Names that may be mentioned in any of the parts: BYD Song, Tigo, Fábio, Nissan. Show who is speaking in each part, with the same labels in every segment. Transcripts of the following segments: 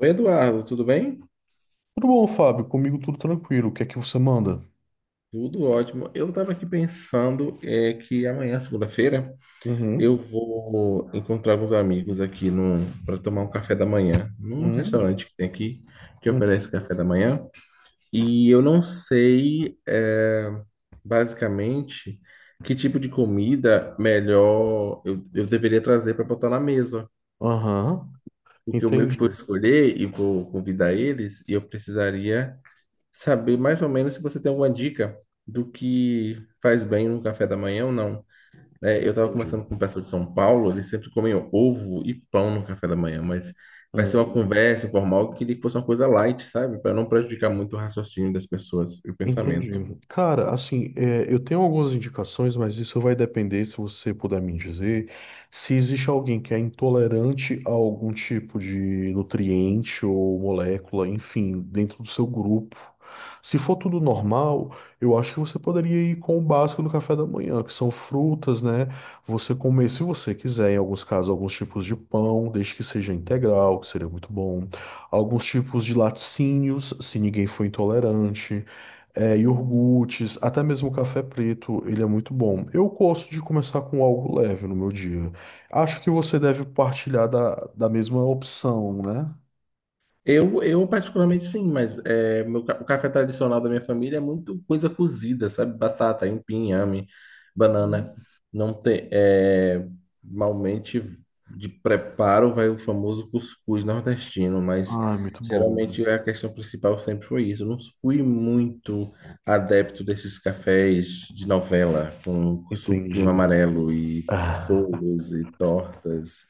Speaker 1: Oi, Eduardo, tudo bem?
Speaker 2: Tudo bom, Fábio? Comigo tudo tranquilo. O que é que você manda?
Speaker 1: Tudo ótimo. Eu estava aqui pensando que amanhã, segunda-feira, eu
Speaker 2: Uhum.
Speaker 1: vou encontrar alguns amigos aqui para tomar um café da manhã, num
Speaker 2: Uhum.
Speaker 1: restaurante que tem aqui, que oferece
Speaker 2: Uhum.
Speaker 1: café da manhã. E eu não sei, basicamente, que tipo de comida melhor eu deveria trazer para botar na mesa.
Speaker 2: Aham.
Speaker 1: Porque o meu que vou
Speaker 2: Entendi.
Speaker 1: escolher e vou convidar eles, e eu precisaria saber mais ou menos se você tem alguma dica do que faz bem no café da manhã ou não. Eu estava
Speaker 2: Entendi.
Speaker 1: conversando com o pessoal de São Paulo, eles sempre comem ovo e pão no café da manhã, mas vai ser uma
Speaker 2: Uhum.
Speaker 1: conversa informal que queria que fosse uma coisa light, sabe? Para não prejudicar
Speaker 2: Entendi.
Speaker 1: muito o raciocínio das pessoas e o
Speaker 2: Entendi.
Speaker 1: pensamento.
Speaker 2: Cara, assim, eu tenho algumas indicações, mas isso vai depender, se você puder me dizer, se existe alguém que é intolerante a algum tipo de nutriente ou molécula, enfim, dentro do seu grupo. Se for tudo normal, eu acho que você poderia ir com o básico do café da manhã, que são frutas, né? Você comer, se você quiser, em alguns casos, alguns tipos de pão, desde que seja integral, que seria muito bom. Alguns tipos de laticínios, se ninguém for intolerante iogurtes, até mesmo o café preto, ele é muito bom. Eu gosto de começar com algo leve no meu dia. Acho que você deve partilhar da mesma opção, né?
Speaker 1: Eu particularmente sim, mas o café tradicional da minha família é muito coisa cozida, sabe? Batata, aipim, inhame, banana.
Speaker 2: Hum.
Speaker 1: Não tem, normalmente de preparo vai o famoso cuscuz nordestino, mas
Speaker 2: Ah, muito
Speaker 1: geralmente
Speaker 2: bom.
Speaker 1: a questão principal sempre foi isso. Eu não fui muito adepto desses cafés de novela com suquinho
Speaker 2: Entendi.
Speaker 1: amarelo e
Speaker 2: Ah,
Speaker 1: bolos e tortas,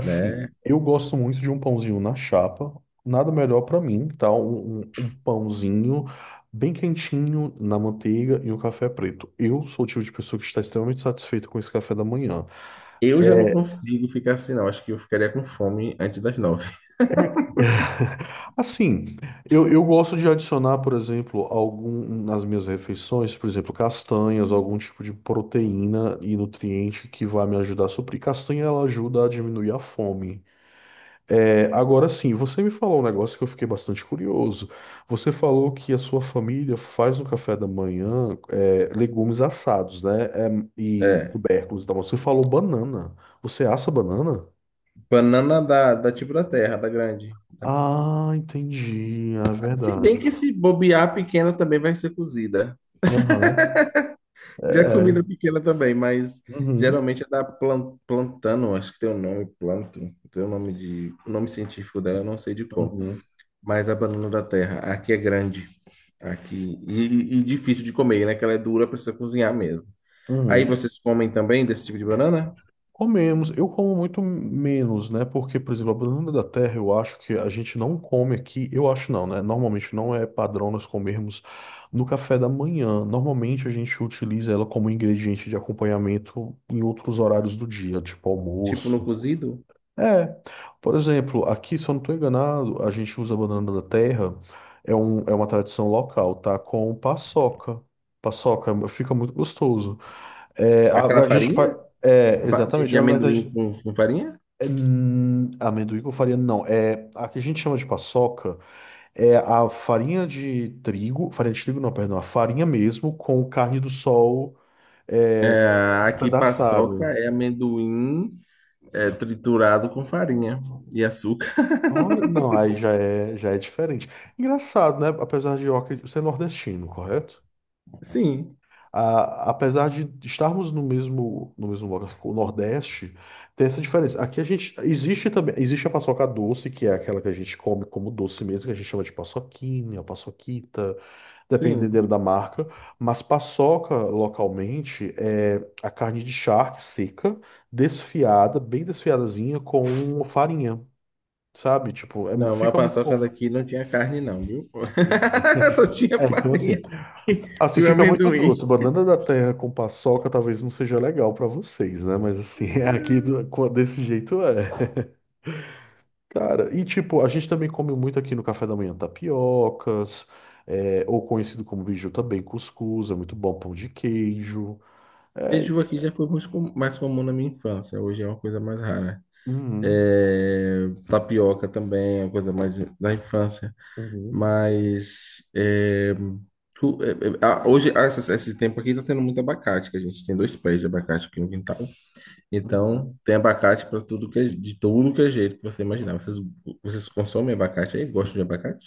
Speaker 1: né?
Speaker 2: eu gosto muito de um pãozinho na chapa. Nada melhor pra mim, tá? Um pãozinho bem quentinho na manteiga e um café preto. Eu sou o tipo de pessoa que está extremamente satisfeita com esse café da manhã.
Speaker 1: Eu já não
Speaker 2: É,
Speaker 1: consigo ficar assim, não. Acho que eu ficaria com fome antes das nove.
Speaker 2: assim, eu gosto de adicionar, por exemplo, algum nas minhas refeições, por exemplo, castanhas, algum tipo de proteína e nutriente que vai me ajudar a suprir. Castanha, ela ajuda a diminuir a fome. É, agora sim, você me falou um negócio que eu fiquei bastante curioso. Você falou que a sua família faz no café da manhã legumes assados, né? É, e
Speaker 1: É.
Speaker 2: tubérculos e tal. Você falou banana. Você assa banana?
Speaker 1: Banana da tipo da terra, da grande.
Speaker 2: Ah, entendi. É
Speaker 1: Se bem que
Speaker 2: verdade.
Speaker 1: se bobear a pequena também vai ser cozida.
Speaker 2: Aham.
Speaker 1: Já
Speaker 2: É.
Speaker 1: comida pequena também, mas
Speaker 2: Uhum.
Speaker 1: geralmente é da plantano, acho que tem o nome, planto. Tem o nome de, o nome científico dela, eu não sei de qual.
Speaker 2: Uhum.
Speaker 1: Mas a banana da terra, aqui é grande. Aqui. E difícil de comer, né? Que ela é dura, precisa cozinhar mesmo. Aí
Speaker 2: Uhum.
Speaker 1: vocês comem também desse tipo de banana?
Speaker 2: Comemos. Eu como muito menos, né? Porque, por exemplo, a banana da terra, eu acho que a gente não come aqui. Eu acho não, né? Normalmente não é padrão nós comermos no café da manhã. Normalmente a gente utiliza ela como ingrediente de acompanhamento em outros horários do dia, tipo
Speaker 1: Tipo no
Speaker 2: almoço.
Speaker 1: cozido?
Speaker 2: É, por exemplo, aqui, se eu não estou enganado, a gente usa a banana da terra, é uma tradição local, tá? Com paçoca. Paçoca fica muito gostoso. É, a,
Speaker 1: Aquela
Speaker 2: a gente faz.
Speaker 1: farinha?
Speaker 2: É, exatamente,
Speaker 1: De
Speaker 2: ah, mas a
Speaker 1: amendoim
Speaker 2: gente.
Speaker 1: com farinha?
Speaker 2: Amendoim com farinha, não. É, a que a gente chama de paçoca é a farinha de trigo não, perdão, a farinha mesmo com carne do sol é,
Speaker 1: Ah, aqui paçoca
Speaker 2: pedaçada.
Speaker 1: é amendoim, triturado com farinha e açúcar.
Speaker 2: Olha, não, aí já é diferente. Engraçado, né? Apesar de Oca ser nordestino, correto?
Speaker 1: Sim,
Speaker 2: Apesar de estarmos no mesmo lugar, o Nordeste, tem essa diferença. Aqui existe também, existe a paçoca doce, que é aquela que a gente come como doce mesmo, que a gente chama de paçoquinha, paçoquita,
Speaker 1: sim.
Speaker 2: dependendo da marca. Mas paçoca, localmente, é a carne de charque seca, desfiada, bem desfiadazinha, com farinha, sabe? Tipo,
Speaker 1: Não, mas a
Speaker 2: fica muito
Speaker 1: paçoca
Speaker 2: bom.
Speaker 1: daqui não tinha carne não, viu?
Speaker 2: Entendi.
Speaker 1: Só tinha
Speaker 2: É, então assim,
Speaker 1: farinha e
Speaker 2: se
Speaker 1: e o
Speaker 2: fica muito doce,
Speaker 1: amendoim.
Speaker 2: banana da terra com paçoca talvez não seja legal pra vocês, né? Mas assim, é aqui desse jeito é. Cara, e tipo, a gente também come muito aqui no café da manhã tapiocas, ou conhecido como biju também, cuscuz, é muito bom, pão de queijo. É, e-
Speaker 1: Beiju aqui já foi mais, mais comum na minha infância, hoje é uma coisa mais rara.
Speaker 2: uhum,
Speaker 1: É, tapioca também é uma coisa mais da infância.
Speaker 2: uhum,
Speaker 1: Mas tu- é, é, hoje, esse tempo aqui, tá tendo muito abacate, que a gente tem dois pés de abacate aqui no quintal.
Speaker 2: uhum.
Speaker 1: Então, tem abacate para tudo que é, de tudo que é jeito que você imaginar. Vocês consomem abacate aí? Gostam de abacate?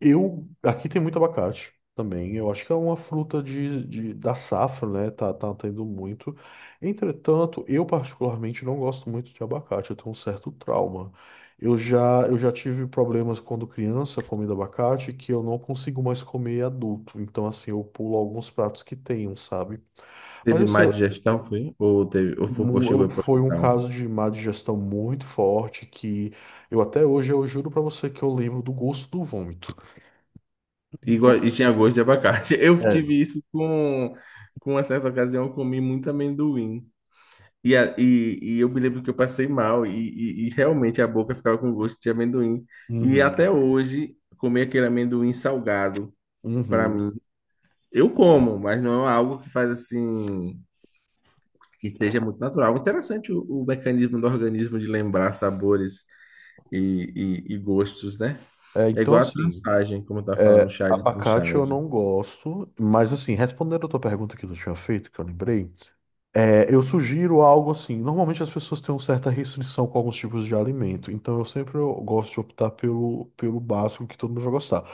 Speaker 2: Aqui tem muito abacate também. Eu acho que é uma fruta da safra, né? Tá tendo muito. Entretanto, eu particularmente não gosto muito de abacate. Eu tenho um certo trauma. Eu já tive problemas quando criança comendo abacate que eu não consigo mais comer adulto. Então, assim, eu pulo alguns pratos que tenham, sabe? Mas,
Speaker 1: Teve
Speaker 2: assim,
Speaker 1: má digestão, foi? Ou, teve, ou foi, ou chegou para o
Speaker 2: foi um
Speaker 1: hospital?
Speaker 2: caso de má digestão muito forte que eu até hoje eu juro pra você que eu lembro do gosto do vômito.
Speaker 1: E tinha gosto de abacate. Eu
Speaker 2: É.
Speaker 1: tive isso com uma certa ocasião, eu comi muito amendoim. E eu me lembro que eu passei mal e realmente a boca ficava com gosto de amendoim. E até
Speaker 2: Uhum.
Speaker 1: hoje, comer aquele amendoim salgado, para
Speaker 2: Uhum.
Speaker 1: mim, eu como, mas não é algo que faz assim, que seja muito natural. Interessante o mecanismo do organismo de lembrar sabores e, e gostos, né?
Speaker 2: É,
Speaker 1: É
Speaker 2: então,
Speaker 1: igual a
Speaker 2: assim,
Speaker 1: trançagem, como tá falando, o chá de
Speaker 2: abacate eu
Speaker 1: trançagem.
Speaker 2: não gosto, mas, assim, respondendo a tua pergunta que tu tinha feito, que eu lembrei, eu sugiro algo assim. Normalmente as pessoas têm uma certa restrição com alguns tipos de alimento, então eu sempre eu gosto de optar pelo básico que todo mundo vai gostar.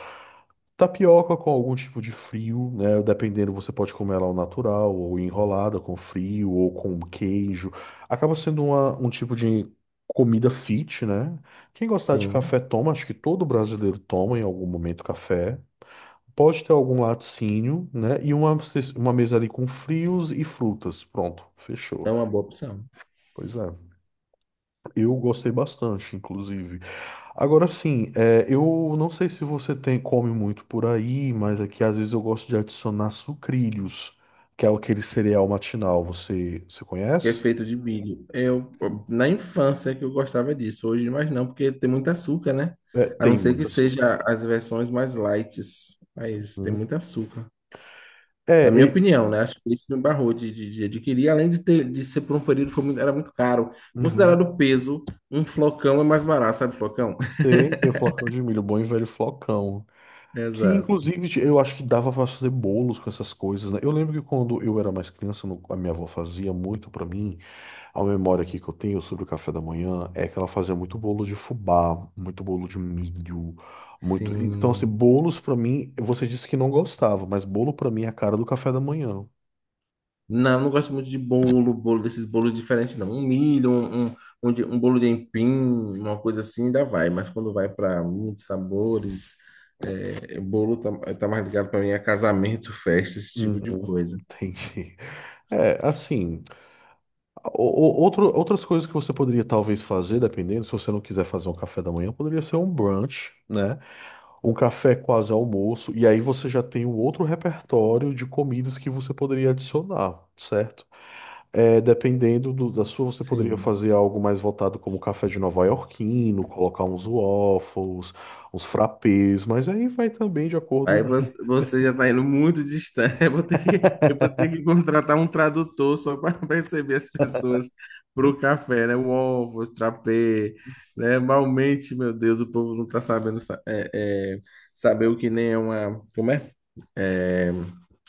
Speaker 2: Tapioca com algum tipo de frio, né? Dependendo, você pode comer ela ao natural, ou enrolada com frio, ou com queijo. Acaba sendo um tipo de comida fit, né? Quem gostar de
Speaker 1: Sim,
Speaker 2: café toma, acho que todo brasileiro toma em algum momento café. Pode ter algum laticínio, né? E uma mesa ali com frios e frutas. Pronto, fechou.
Speaker 1: é uma boa opção.
Speaker 2: Pois é, eu gostei bastante, inclusive. Agora sim, eu não sei se você come muito por aí, mas aqui às vezes eu gosto de adicionar sucrilhos, que é aquele cereal matinal. Você
Speaker 1: Que é
Speaker 2: conhece?
Speaker 1: feito de milho. Eu,
Speaker 2: Sim.
Speaker 1: na infância que eu gostava disso, hoje mais não, porque tem muito açúcar, né?
Speaker 2: É,
Speaker 1: A não
Speaker 2: tem
Speaker 1: ser que
Speaker 2: muito açúcar.
Speaker 1: seja as versões mais light, mas tem
Speaker 2: Uhum.
Speaker 1: muito açúcar.
Speaker 2: É,
Speaker 1: Na minha
Speaker 2: e...
Speaker 1: opinião, né? Acho que isso me barrou de adquirir, além de ter de ser por um período foi muito, era muito caro. Considerado o
Speaker 2: uhum.
Speaker 1: peso, um flocão é mais barato, sabe, flocão?
Speaker 2: Sei, sei, flocão de milho, bom e velho flocão. Que
Speaker 1: Exato.
Speaker 2: inclusive eu acho que dava pra fazer bolos com essas coisas, né? Eu lembro que quando eu era mais criança, a minha avó fazia muito pra mim. A memória aqui que eu tenho sobre o café da manhã é que ela fazia muito bolo de fubá, muito bolo de milho, muito. Então, assim,
Speaker 1: Sim.
Speaker 2: bolos pra mim, você disse que não gostava, mas bolo pra mim é a cara do café da manhã.
Speaker 1: Não, não gosto muito de bolo, bolo desses bolos diferentes, não. Um milho, um bolo de empim, uma coisa assim, ainda vai. Mas quando vai para muitos sabores, bolo tá mais ligado para mim a casamento, festa, esse tipo de
Speaker 2: Uhum,
Speaker 1: coisa.
Speaker 2: entendi. É, assim, o- outras coisas que você poderia talvez fazer, dependendo, se você não quiser fazer um café da manhã, poderia ser um brunch, né? Um café quase almoço, e aí você já tem um outro repertório de comidas que você poderia adicionar, certo? É, dependendo você poderia
Speaker 1: Sim.
Speaker 2: fazer algo mais voltado como café de nova iorquino, colocar uns waffles, uns frappés, mas aí vai também de acordo
Speaker 1: Aí você já está indo muito distante. Eu vou ter
Speaker 2: da-
Speaker 1: que contratar um tradutor só para receber as pessoas para o café, né? O ovo, o trapé, né? Malmente, meu Deus, o povo não está sabendo é, saber o que nem é uma. Como é? É,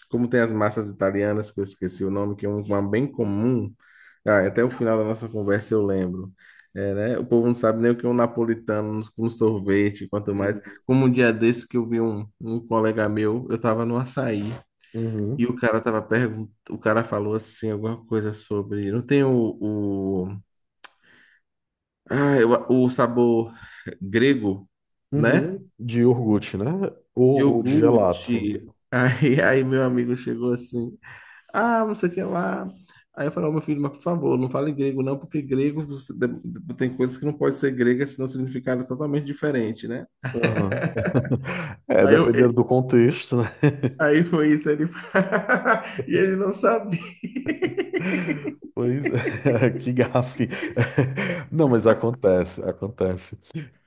Speaker 1: como tem as massas italianas, que eu esqueci o nome, que é uma bem comum. Ah, até o final da nossa conversa eu lembro. É, né? O povo não sabe nem o que é um napolitano com sorvete, quanto mais.
Speaker 2: Hum.
Speaker 1: Como um dia desse que eu vi um colega meu, eu estava no açaí, e
Speaker 2: Uhum.
Speaker 1: o cara tava perguntando, o cara falou assim, alguma coisa sobre. Não tem o, ah, o sabor grego, né?
Speaker 2: Uhum. De iogurte, né?
Speaker 1: De
Speaker 2: Ou de gelato.
Speaker 1: iogurte. Aí meu amigo chegou assim. Ah, não sei o que lá. Aí eu falei, ó, meu filho, mas por favor, não fale grego não, porque grego tem coisas que não pode ser grega, senão o significado é totalmente diferente, né?
Speaker 2: Uhum. É,
Speaker 1: Aí, eu,
Speaker 2: dependendo
Speaker 1: é,
Speaker 2: do contexto, né?
Speaker 1: aí foi isso, ele... e ele não sabia.
Speaker 2: Pois é, que gafe. Não, mas acontece, acontece.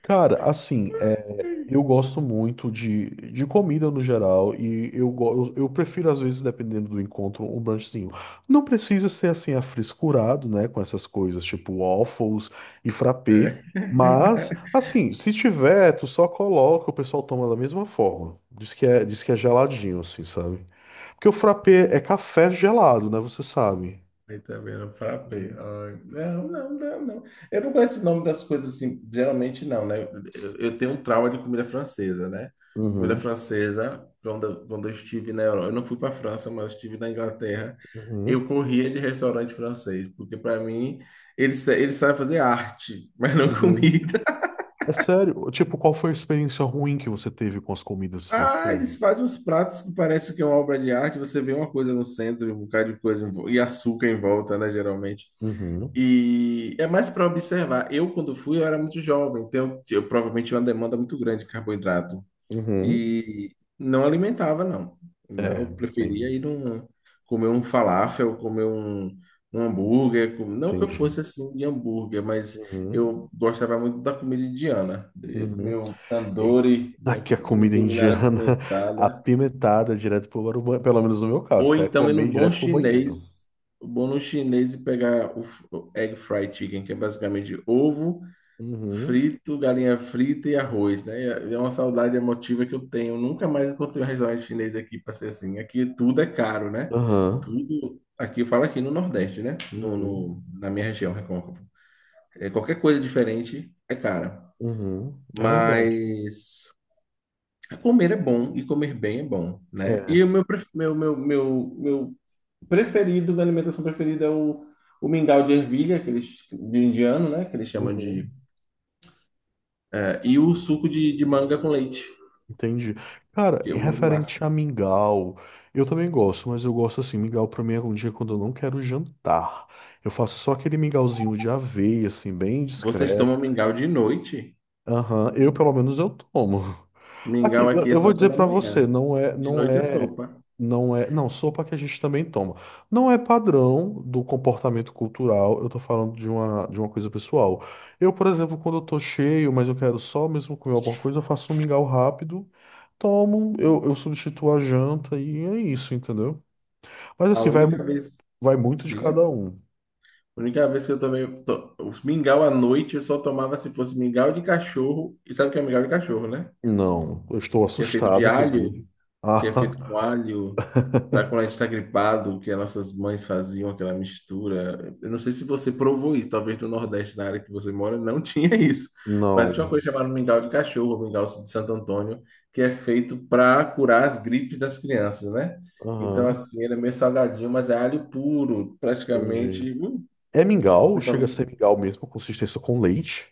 Speaker 2: Cara, assim, eu gosto muito de comida no geral e eu prefiro, às vezes, dependendo do encontro, um brunchzinho. Não precisa ser, assim, afrescurado, né, com essas coisas, tipo waffles e frappé,
Speaker 1: É.
Speaker 2: mas, assim, se tiver, tu só coloca, o pessoal toma da mesma forma. Diz que é geladinho, assim, sabe? Porque o frappé é café gelado, né, você sabe.
Speaker 1: Aí também não frappei. Ai, não. Eu não conheço o nome das coisas assim, geralmente não, né? Eu tenho um trauma de comida francesa, né? Comida
Speaker 2: Uhum,
Speaker 1: francesa, quando eu estive na Europa, eu não fui para a França, mas estive na Inglaterra, eu
Speaker 2: uhum,
Speaker 1: corria de restaurante francês, porque para mim eles, eles sabem fazer arte, mas não
Speaker 2: uhum.
Speaker 1: comida.
Speaker 2: É sério? Tipo, qual foi a experiência ruim que você teve com as comidas
Speaker 1: Ah,
Speaker 2: francesas?
Speaker 1: eles fazem uns pratos que parece que é uma obra de arte. Você vê uma coisa no centro, um bocado de coisa e açúcar em volta, né? Geralmente.
Speaker 2: Uhum,
Speaker 1: E é mais para observar. Eu, quando fui, eu era muito jovem, então eu provavelmente tinha uma demanda muito grande de carboidrato.
Speaker 2: uhum.
Speaker 1: E não alimentava, não.
Speaker 2: É,
Speaker 1: Eu
Speaker 2: entendo.
Speaker 1: preferia ir num, comer um falafel, comer um hambúrguer. Não que eu
Speaker 2: Entendi.
Speaker 1: fosse assim de hambúrguer, mas
Speaker 2: Uhum,
Speaker 1: eu gostava muito da comida indiana.
Speaker 2: uhum.
Speaker 1: Meu tandoori, né,
Speaker 2: Aqui a
Speaker 1: minha
Speaker 2: comida
Speaker 1: culinária
Speaker 2: indiana
Speaker 1: apimentada.
Speaker 2: apimentada direto pro banheiro, pelo menos no meu caso,
Speaker 1: Ou
Speaker 2: tá? É
Speaker 1: então ir no
Speaker 2: comer
Speaker 1: bom
Speaker 2: direto pro banheiro.
Speaker 1: chinês, o bom no chinês e pegar o egg fried chicken, que é basicamente ovo
Speaker 2: Uhum,
Speaker 1: frito, galinha frita e arroz, né? É uma saudade emotiva que eu tenho. Nunca mais encontrei um restaurante chinês aqui para ser assim. Aqui tudo é caro, né?
Speaker 2: aham.
Speaker 1: Tudo. Aqui eu falo aqui no Nordeste, né?
Speaker 2: Uhum,
Speaker 1: Na minha região, Recôncavo. É, qualquer coisa diferente é cara.
Speaker 2: uhum, é verdade.
Speaker 1: Mas comer é bom e comer bem é bom, né?
Speaker 2: É.
Speaker 1: E o meu, meu preferido, minha alimentação preferida é o mingau de ervilha, que eles, de indiano, né? Que eles chamam de.
Speaker 2: Uhum.
Speaker 1: E o suco de manga com leite.
Speaker 2: Entendi. Cara, em
Speaker 1: Eu mando lá assim.
Speaker 2: referente a mingau, eu também gosto, mas eu gosto assim, mingau pra mim é um dia quando eu não quero jantar. Eu faço só aquele mingauzinho de aveia, assim, bem
Speaker 1: Vocês tomam
Speaker 2: discreto.
Speaker 1: mingau de noite?
Speaker 2: Aham, eu pelo menos eu tomo. Aqui,
Speaker 1: Mingau
Speaker 2: eu
Speaker 1: aqui é
Speaker 2: eu
Speaker 1: só
Speaker 2: vou dizer
Speaker 1: pela
Speaker 2: pra você,
Speaker 1: manhã. De noite é sopa.
Speaker 2: não, sopa que a gente também toma. Não é padrão do comportamento cultural, eu tô falando de uma coisa pessoal. Eu, por exemplo, quando eu tô cheio, mas eu quero só mesmo comer alguma coisa, eu faço um mingau rápido, tomo, eu substituo a janta e é isso, entendeu? Mas
Speaker 1: A
Speaker 2: assim, vai,
Speaker 1: única vez,
Speaker 2: vai muito de
Speaker 1: diga,
Speaker 2: cada um.
Speaker 1: a única vez que eu tomei os mingau à noite, eu só tomava se fosse mingau de cachorro. E sabe o que é mingau de cachorro, né?
Speaker 2: Não, eu estou
Speaker 1: Que é feito de
Speaker 2: assustado,
Speaker 1: alho,
Speaker 2: inclusive.
Speaker 1: que é feito com
Speaker 2: Ah,
Speaker 1: alho, para quando a gente está gripado, que as nossas mães faziam aquela mistura. Eu não sei se você provou isso, talvez no Nordeste, na área que você mora, não tinha isso.
Speaker 2: não.
Speaker 1: Mas tinha uma coisa chamada mingau de cachorro, ou mingau de Santo Antônio, que é feito para curar as gripes das crianças, né? Então,
Speaker 2: Aham,
Speaker 1: assim, ele é meio salgadinho, mas é alho puro,
Speaker 2: entendi.
Speaker 1: praticamente.
Speaker 2: É mingau, chega a ser mingau mesmo, consistência com leite.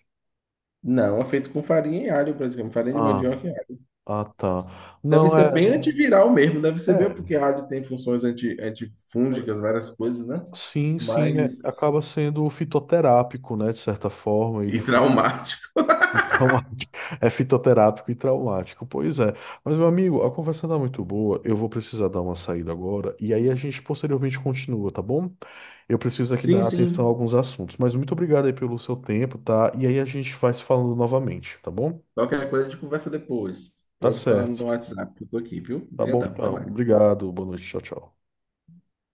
Speaker 1: Não, é feito com farinha e alho, praticamente, farinha de
Speaker 2: Ah,
Speaker 1: mandioca.
Speaker 2: ah, tá.
Speaker 1: Deve
Speaker 2: Não,
Speaker 1: ser bem antiviral mesmo, deve ser bem
Speaker 2: é,
Speaker 1: porque rádio tem funções antifúngicas, várias coisas, né?
Speaker 2: sim, sim,
Speaker 1: Mas.
Speaker 2: acaba sendo fitoterápico, né, de certa forma, e
Speaker 1: E
Speaker 2: de forma
Speaker 1: traumático.
Speaker 2: traumática. É fitoterápico e traumático, pois é. Mas, meu amigo, a conversa tá muito boa, eu vou precisar dar uma saída agora, e aí a gente posteriormente continua, tá bom? Eu preciso aqui
Speaker 1: Sim,
Speaker 2: dar atenção a
Speaker 1: sim.
Speaker 2: alguns assuntos, mas muito obrigado aí pelo seu tempo, tá? E aí a gente vai se falando novamente, tá bom?
Speaker 1: Qualquer coisa a gente conversa depois.
Speaker 2: Tá
Speaker 1: Pode falar no
Speaker 2: certo.
Speaker 1: WhatsApp, que eu tô aqui, viu?
Speaker 2: Tá bom,
Speaker 1: Obrigadão, até
Speaker 2: então.
Speaker 1: mais.
Speaker 2: Obrigado. Boa noite. Tchau, tchau.